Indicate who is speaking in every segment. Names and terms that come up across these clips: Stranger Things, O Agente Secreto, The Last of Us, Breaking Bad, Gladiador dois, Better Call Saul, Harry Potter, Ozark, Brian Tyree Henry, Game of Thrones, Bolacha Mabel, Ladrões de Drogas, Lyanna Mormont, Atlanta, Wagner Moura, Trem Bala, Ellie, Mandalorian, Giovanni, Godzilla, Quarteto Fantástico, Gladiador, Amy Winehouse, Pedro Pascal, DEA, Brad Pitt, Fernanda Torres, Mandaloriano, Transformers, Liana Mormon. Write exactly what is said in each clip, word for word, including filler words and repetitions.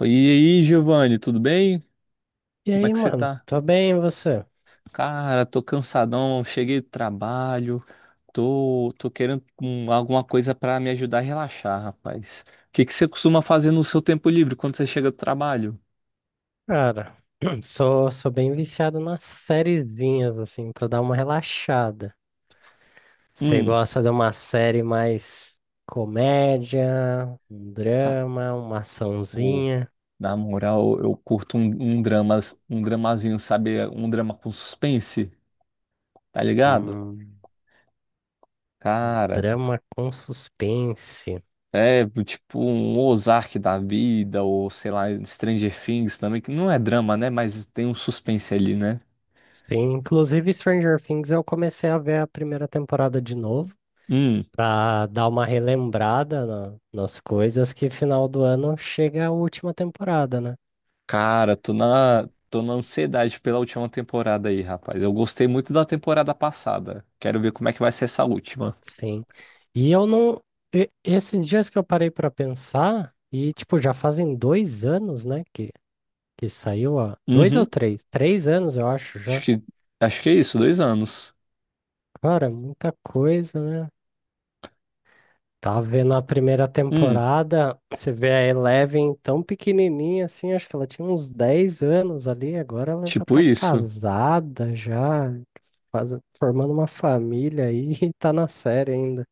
Speaker 1: E aí, Giovanni, tudo bem?
Speaker 2: E
Speaker 1: Como é
Speaker 2: aí,
Speaker 1: que você
Speaker 2: mano?
Speaker 1: tá?
Speaker 2: Tô bem, e você?
Speaker 1: Cara, tô cansadão, cheguei do trabalho, tô, tô querendo hum, alguma coisa pra me ajudar a relaxar, rapaz. O que que você costuma fazer no seu tempo livre quando você chega do trabalho?
Speaker 2: Cara, sou, sou bem viciado nas sériezinhas, assim, pra dar uma relaxada. Você
Speaker 1: Hum,
Speaker 2: gosta de uma série mais comédia, um
Speaker 1: ah,
Speaker 2: drama, uma
Speaker 1: ô,
Speaker 2: açãozinha,
Speaker 1: na moral, eu curto um, um dramas, um dramazinho, sabe? Um drama com suspense, tá ligado?
Speaker 2: um
Speaker 1: Cara.
Speaker 2: drama com suspense.
Speaker 1: É, tipo um Ozark da vida, ou sei lá, Stranger Things também, que não é drama, né? Mas tem um suspense ali, né?
Speaker 2: Sim, inclusive Stranger Things eu comecei a ver a primeira temporada de novo,
Speaker 1: Hum,
Speaker 2: pra dar uma relembrada na- nas coisas que final do ano chega a última temporada, né?
Speaker 1: cara, tô na, tô na ansiedade pela última temporada aí, rapaz. Eu gostei muito da temporada passada. Quero ver como é que vai ser essa última.
Speaker 2: Sim. E eu não. e- Esses dias que eu parei para pensar, e tipo, já fazem dois anos, né? Que, que saiu há. Dois ou
Speaker 1: Uhum,
Speaker 2: três? Três anos, eu acho
Speaker 1: acho
Speaker 2: já.
Speaker 1: que, acho que é isso, dois anos.
Speaker 2: Cara, muita coisa, né? Tava vendo a primeira
Speaker 1: Hum,
Speaker 2: temporada, você vê a Eleven tão pequenininha assim, acho que ela tinha uns dez anos ali, agora ela já
Speaker 1: tipo
Speaker 2: tá
Speaker 1: isso.
Speaker 2: casada, já faz- formando uma família aí e tá na série ainda.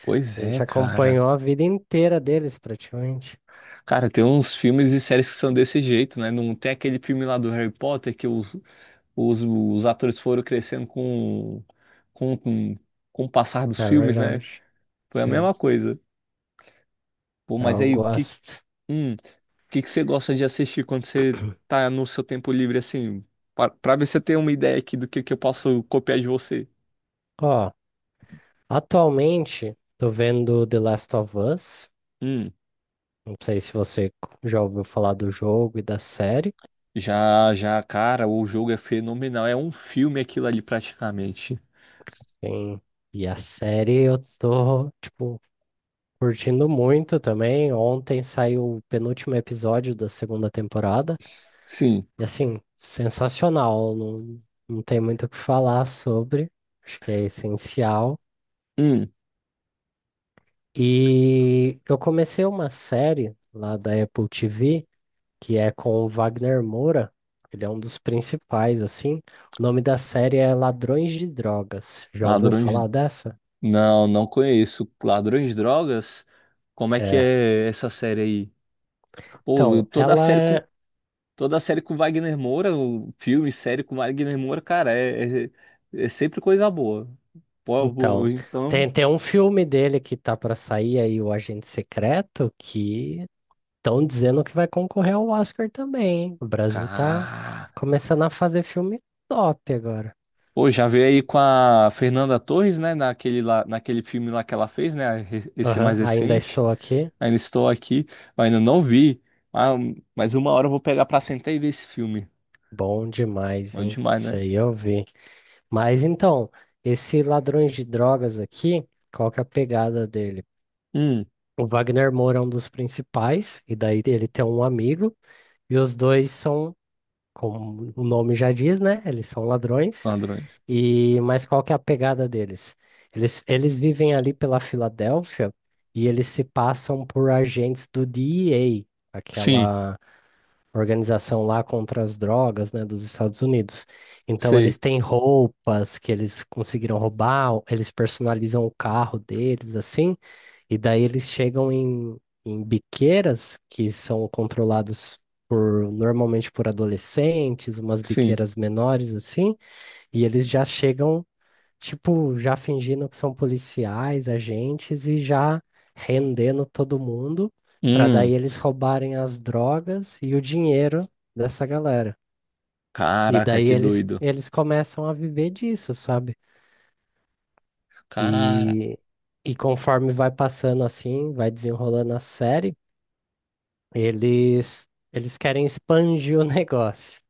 Speaker 1: Pois
Speaker 2: A
Speaker 1: é,
Speaker 2: gente
Speaker 1: cara.
Speaker 2: acompanhou a vida inteira deles praticamente.
Speaker 1: Cara, tem uns filmes e séries que são desse jeito, né? Não tem aquele filme lá do Harry Potter que o, Os, os atores foram crescendo com, com, com, com o passar dos
Speaker 2: É
Speaker 1: filmes, né?
Speaker 2: verdade.
Speaker 1: Foi a
Speaker 2: Sim,
Speaker 1: mesma coisa. Pô, mas
Speaker 2: eu
Speaker 1: aí, o que,
Speaker 2: gosto.
Speaker 1: hum, o que que você gosta de assistir quando você tá no seu tempo livre, assim? Pra, pra ver se eu tenho uma ideia aqui do que, que eu posso copiar de você.
Speaker 2: Ó, atualmente tô vendo The Last of Us.
Speaker 1: Hum,
Speaker 2: Não sei se você já ouviu falar do jogo e da série.
Speaker 1: já, já, cara, o jogo é fenomenal. É um filme aquilo ali, praticamente.
Speaker 2: Sim. E a série eu tô, tipo, curtindo muito também. Ontem saiu o penúltimo episódio da segunda temporada.
Speaker 1: Sim.
Speaker 2: E assim, sensacional. Não, não tem muito o que falar sobre. Acho que é essencial.
Speaker 1: Hum,
Speaker 2: E eu comecei uma série lá da Apple T V, que é com o Wagner Moura. Ele é um dos principais, assim. O nome da série é Ladrões de Drogas. Já ouviu
Speaker 1: ladrões. de-
Speaker 2: falar dessa?
Speaker 1: Não, não conheço. Ladrões de drogas? Como é que
Speaker 2: É.
Speaker 1: é essa série aí? Pô,
Speaker 2: Então,
Speaker 1: toda a
Speaker 2: ela
Speaker 1: série. Com
Speaker 2: é.
Speaker 1: Toda série com Wagner Moura, o filme, série com Wagner Moura, cara, é, é, é sempre coisa boa. Pô, bo-
Speaker 2: Então,
Speaker 1: então.
Speaker 2: tem, tem um filme dele que tá pra sair aí, O Agente Secreto, que estão dizendo que vai concorrer ao Oscar também, hein? O Brasil tá
Speaker 1: Cara.
Speaker 2: começando a fazer filme top agora.
Speaker 1: Pô, já veio aí com a Fernanda Torres, né? Naquele, lá, naquele filme lá que ela fez, né? re- Esse mais
Speaker 2: Aham, ainda
Speaker 1: recente.
Speaker 2: estou aqui.
Speaker 1: Ainda estou aqui, mas ainda não vi. Ah, mas uma hora eu vou pegar pra sentar e ver esse filme.
Speaker 2: Bom demais,
Speaker 1: Bom
Speaker 2: hein?
Speaker 1: demais,
Speaker 2: Isso
Speaker 1: né?
Speaker 2: aí eu vi. Mas então, esse Ladrões de Drogas aqui, qual que é a pegada dele?
Speaker 1: Hum,
Speaker 2: O Wagner Moura é um dos principais, e daí ele tem um amigo, e os dois são, como o nome já diz, né? Eles são ladrões.
Speaker 1: ladrões.
Speaker 2: E mas qual que é a pegada deles? Eles, eles vivem ali pela Filadélfia e eles se passam por agentes do D E A,
Speaker 1: Sim,
Speaker 2: aquela organização lá contra as drogas, né, dos Estados Unidos. Então eles
Speaker 1: sei,
Speaker 2: têm roupas que eles conseguiram roubar, eles personalizam o carro deles assim, e daí eles chegam em, em, biqueiras que são controladas por normalmente por adolescentes, umas
Speaker 1: sim.
Speaker 2: biqueiras menores assim, e eles já chegam tipo, já fingindo que são policiais, agentes e já rendendo todo mundo, para
Speaker 1: Hum,
Speaker 2: daí eles roubarem as drogas e o dinheiro dessa galera. E
Speaker 1: caraca,
Speaker 2: daí
Speaker 1: que
Speaker 2: eles,
Speaker 1: doido.
Speaker 2: eles começam a viver disso, sabe?
Speaker 1: Cara.
Speaker 2: E, e conforme vai passando assim, vai desenrolando a série, eles, eles querem expandir o negócio.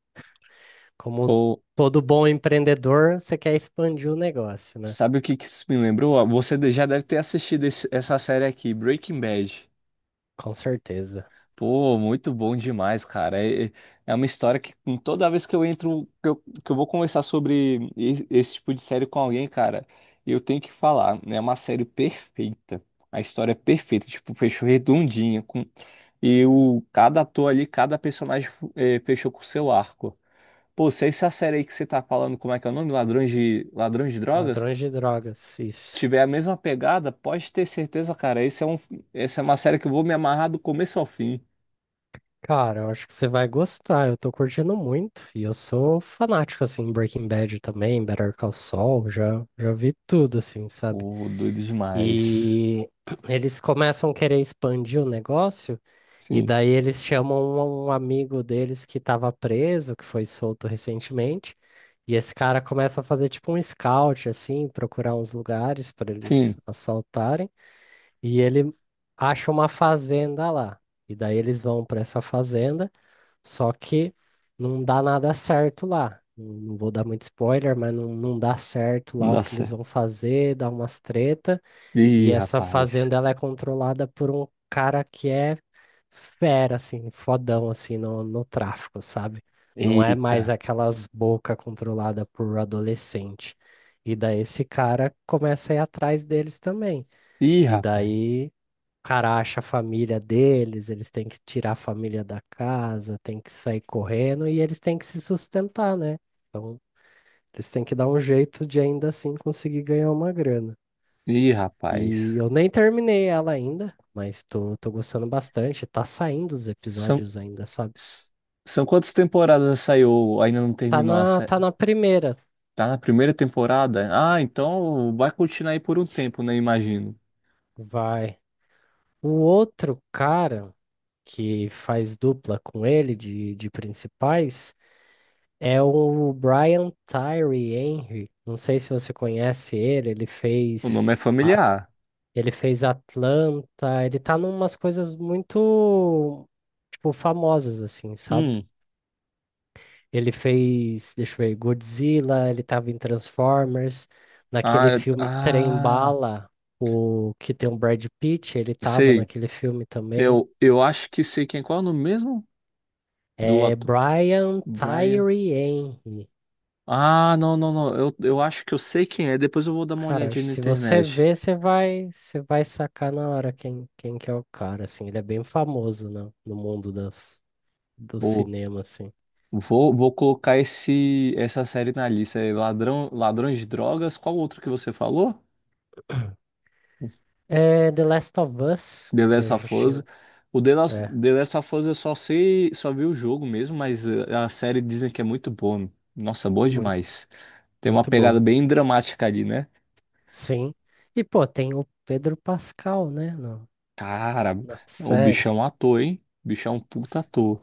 Speaker 2: Como
Speaker 1: Pô.
Speaker 2: todo bom empreendedor, você quer expandir o negócio, né?
Speaker 1: Sabe o que que isso me lembrou? Ah, Você de- já deve ter assistido esse- essa série aqui, Breaking Bad.
Speaker 2: Com certeza.
Speaker 1: Pô, muito bom demais, cara. É, é é uma história que com- toda vez que eu entro, que eu, que eu vou conversar sobre e- esse, tipo de série com alguém, cara, eu tenho que falar. Né? É uma série perfeita. A história é perfeita, tipo, fechou redondinha. Com, e o, cada ator ali, cada personagem eh, fechou com o seu arco. Pô, se essa série aí que você tá falando, como é que é o nome? Ladrões de, Ladrões de Drogas?
Speaker 2: Ladrões de Drogas, isso.
Speaker 1: Tiver a mesma pegada, pode ter certeza, cara. Esse é um, essa é uma série que eu vou me amarrar do começo ao fim.
Speaker 2: Cara, eu acho que você vai gostar. Eu tô curtindo muito e eu sou fanático assim em Breaking Bad também, Better Call Saul, já já vi tudo assim, sabe?
Speaker 1: Pô, doido demais.
Speaker 2: E eles começam a querer expandir o negócio e
Speaker 1: Sim,
Speaker 2: daí eles chamam um um amigo deles que estava preso, que foi solto recentemente, e esse cara começa a fazer tipo um scout assim, procurar uns lugares para eles
Speaker 1: sim.
Speaker 2: assaltarem, e ele acha uma fazenda lá. E daí eles vão para essa fazenda só que não dá nada certo lá. Não não vou dar muito spoiler, mas não, não dá certo lá o que eles
Speaker 1: Nossa.
Speaker 2: vão fazer, dá umas treta. E
Speaker 1: Ih,
Speaker 2: essa
Speaker 1: rapaz.
Speaker 2: fazenda ela é controlada por um cara que é fera, assim, fodão, assim, no, no, tráfico, sabe? Não é mais
Speaker 1: Eita.
Speaker 2: aquelas bocas controladas por adolescente. E daí esse cara começa a ir atrás deles também.
Speaker 1: Ih,
Speaker 2: E
Speaker 1: rapaz.
Speaker 2: daí cara acha a família deles, eles têm que tirar a família da casa, têm que sair correndo e eles têm que se sustentar, né? Então, eles têm que dar um jeito de ainda assim conseguir ganhar uma grana.
Speaker 1: Ih,
Speaker 2: E
Speaker 1: rapaz.
Speaker 2: eu nem terminei ela ainda, mas tô, tô gostando bastante. Tá saindo os
Speaker 1: São,
Speaker 2: episódios ainda, sabe?
Speaker 1: s- são quantas temporadas essa aí ou ainda não
Speaker 2: Tá
Speaker 1: terminou a
Speaker 2: na, tá
Speaker 1: série?
Speaker 2: na primeira.
Speaker 1: Tá na primeira temporada? Ah, então vai continuar aí por um tempo, né? Imagino.
Speaker 2: Vai. O outro cara que faz dupla com ele de, de, principais. É o Brian Tyree Henry. Não sei se você conhece ele. Ele
Speaker 1: O
Speaker 2: fez,
Speaker 1: nome é
Speaker 2: a-
Speaker 1: familiar.
Speaker 2: ele fez Atlanta. Ele tá numas coisas muito, tipo, famosas, assim, sabe?
Speaker 1: Hum.
Speaker 2: Ele fez, deixa eu ver, Godzilla. Ele tava em Transformers.
Speaker 1: Ah,
Speaker 2: Naquele
Speaker 1: eu-
Speaker 2: filme Trem
Speaker 1: ah,
Speaker 2: Bala, o que tem o Brad Pitt, ele tava
Speaker 1: sei.
Speaker 2: naquele filme também.
Speaker 1: Eu, eu acho que sei quem. Qual é o nome mesmo do
Speaker 2: É
Speaker 1: ator?
Speaker 2: Brian
Speaker 1: Brian.
Speaker 2: Tyree Henry.
Speaker 1: Ah, não, não, não. Eu, eu acho que eu sei quem é. Depois eu vou dar uma
Speaker 2: Cara,
Speaker 1: olhadinha na
Speaker 2: se você
Speaker 1: internet.
Speaker 2: vê, você vai, você vai sacar na hora quem, quem que é o cara, assim. Ele é bem famoso, né, no mundo das, do
Speaker 1: Vou,
Speaker 2: cinema, assim.
Speaker 1: vou, vou colocar esse, essa série na lista. É Ladrão, Ladrões de Drogas. Qual outro que você falou?
Speaker 2: É The Last of Us,
Speaker 1: The
Speaker 2: que
Speaker 1: Last
Speaker 2: a
Speaker 1: of
Speaker 2: gente
Speaker 1: Us.
Speaker 2: tinha.
Speaker 1: O The Last,
Speaker 2: É,
Speaker 1: The Last of Us eu só sei, só vi o jogo mesmo, mas eh, a série dizem que é muito boa. Nossa, boa
Speaker 2: muito,
Speaker 1: demais. Tem uma
Speaker 2: muito
Speaker 1: pegada
Speaker 2: boa.
Speaker 1: bem dramática ali, né?
Speaker 2: Sim. E, pô, tem o Pedro Pascal, né, no,
Speaker 1: Cara,
Speaker 2: na
Speaker 1: o
Speaker 2: série.
Speaker 1: bichão é um
Speaker 2: O
Speaker 1: ator, hein? O bichão é um puta ator.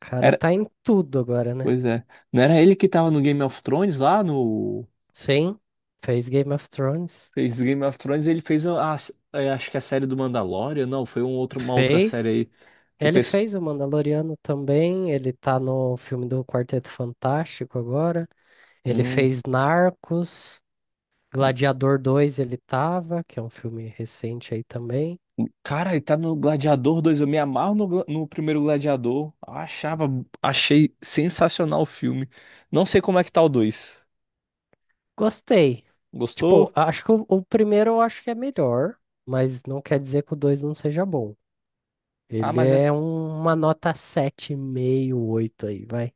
Speaker 2: cara
Speaker 1: Era,
Speaker 2: tá em tudo agora, né?
Speaker 1: pois é. Não era ele que tava no Game of Thrones lá no.
Speaker 2: Sim, fez Game of Thrones.
Speaker 1: Fez Game of Thrones, ele fez a, a- é, acho que a série do Mandalorian, não, foi um outro, uma outra série
Speaker 2: Fez.
Speaker 1: aí que o
Speaker 2: Ele
Speaker 1: pessoal.
Speaker 2: fez o Mandaloriano também, ele tá no filme do Quarteto Fantástico agora. Ele
Speaker 1: Hum,
Speaker 2: fez Narcos, Gladiador dois. Ele tava, que é um filme recente aí também.
Speaker 1: cara, ele tá no Gladiador dois eu me amarro no, Gla- no primeiro Gladiador. Achava, achei sensacional o filme. Não sei como é que tá o dois.
Speaker 2: Gostei. Tipo,
Speaker 1: Gostou?
Speaker 2: acho que o, o primeiro eu acho que é melhor, mas não quer dizer que o dois não seja bom.
Speaker 1: Ah,
Speaker 2: Ele
Speaker 1: mas é,
Speaker 2: é um- uma nota sete vírgula cinco, oito aí, vai.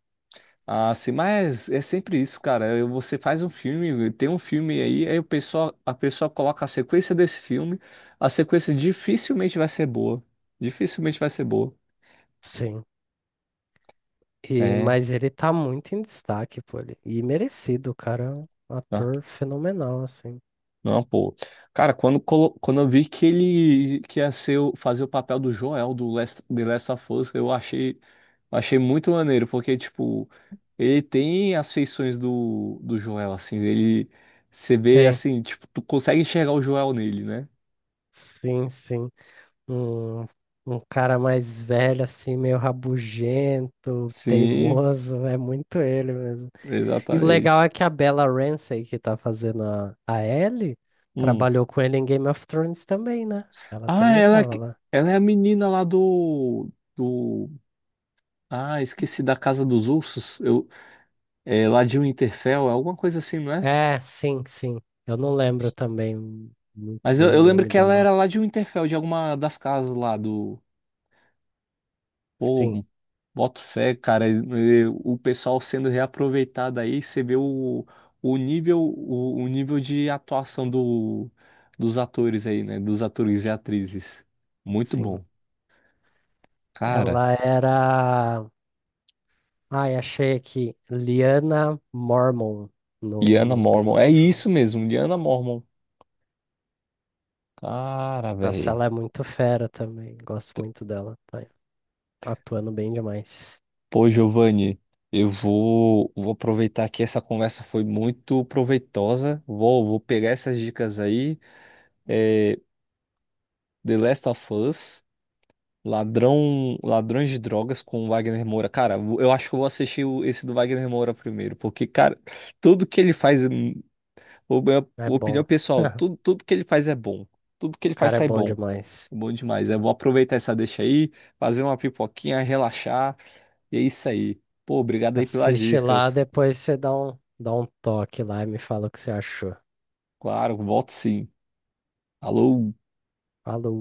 Speaker 1: Ah, sim, mas é sempre isso, cara. Eu- Você faz um filme, tem um filme aí, aí o pessoal, a pessoa coloca a sequência desse filme, a sequência dificilmente vai ser boa. Dificilmente vai ser boa.
Speaker 2: Sim. E,
Speaker 1: É,
Speaker 2: mas ele tá muito em destaque, pô. ele- E merecido, o cara. É um
Speaker 1: tá.
Speaker 2: ator fenomenal, assim.
Speaker 1: não, pô. Cara, quando, colo- quando eu vi que ele que ia ser, o- fazer o papel do Joel do Last, The Last of Us, eu achei, achei muito maneiro, porque, tipo, ele tem as feições do, do Joel, assim, ele, você vê,
Speaker 2: Tem.
Speaker 1: assim, tipo, tu consegue enxergar o Joel nele, né?
Speaker 2: Sim, sim. Um, um cara mais velho, assim, meio rabugento,
Speaker 1: Sim,
Speaker 2: teimoso, é muito ele mesmo. E o
Speaker 1: exatamente.
Speaker 2: legal é que a Bella Ramsey, que tá fazendo a, a, Ellie,
Speaker 1: Hum.
Speaker 2: trabalhou com ele em Game of Thrones também, né? Ela
Speaker 1: Ah,
Speaker 2: também
Speaker 1: ela, é
Speaker 2: tava
Speaker 1: que-
Speaker 2: lá.
Speaker 1: ela é a menina lá do, do. Ah, esqueci da Casa dos Ursos. Eu, é, lá de Winterfell, é alguma coisa assim, não é?
Speaker 2: É, sim, sim. Eu não lembro também muito
Speaker 1: Mas eu,
Speaker 2: bem o
Speaker 1: eu lembro
Speaker 2: nome
Speaker 1: que ela
Speaker 2: dela.
Speaker 1: era lá de Winterfell, de alguma das casas lá do.
Speaker 2: Sim,
Speaker 1: Pô, boto fé, cara. e- e O pessoal sendo reaproveitado aí, você vê o, o nível, o, o nível de atuação do, dos atores aí, né? Dos atores e atrizes. Muito
Speaker 2: sim.
Speaker 1: bom. Cara.
Speaker 2: Ela era. Ai, achei aqui. Lyanna Mormont no,
Speaker 1: Liana
Speaker 2: no Game
Speaker 1: Mormon.
Speaker 2: of
Speaker 1: É
Speaker 2: Thrones.
Speaker 1: isso mesmo, Liana Mormon. Cara,
Speaker 2: Nossa,
Speaker 1: velho.
Speaker 2: ela é muito fera também. Gosto muito dela. Tá atuando bem demais.
Speaker 1: Pô, Giovanni, eu vou, vou aproveitar que essa conversa foi muito proveitosa. Vou, vou pegar essas dicas aí. É, The Last of Us, Ladrão, Ladrões de Drogas com Wagner Moura. Cara, eu acho que eu vou assistir o- esse do Wagner Moura primeiro, porque, cara, tudo que ele faz, hum, o- minha
Speaker 2: É
Speaker 1: opinião
Speaker 2: bom.
Speaker 1: pessoal, tudo, tudo que ele faz é bom. Tudo que ele
Speaker 2: O
Speaker 1: faz
Speaker 2: cara é
Speaker 1: sai
Speaker 2: bom
Speaker 1: bom.
Speaker 2: demais.
Speaker 1: Bom demais. Eu vou aproveitar essa deixa aí, fazer uma pipoquinha, relaxar. E é isso aí. Pô, obrigado aí pelas
Speaker 2: Assiste lá,
Speaker 1: dicas.
Speaker 2: depois você dá um, dá um toque lá e me fala o que você achou.
Speaker 1: Claro, volto sim. Alô?
Speaker 2: Falou.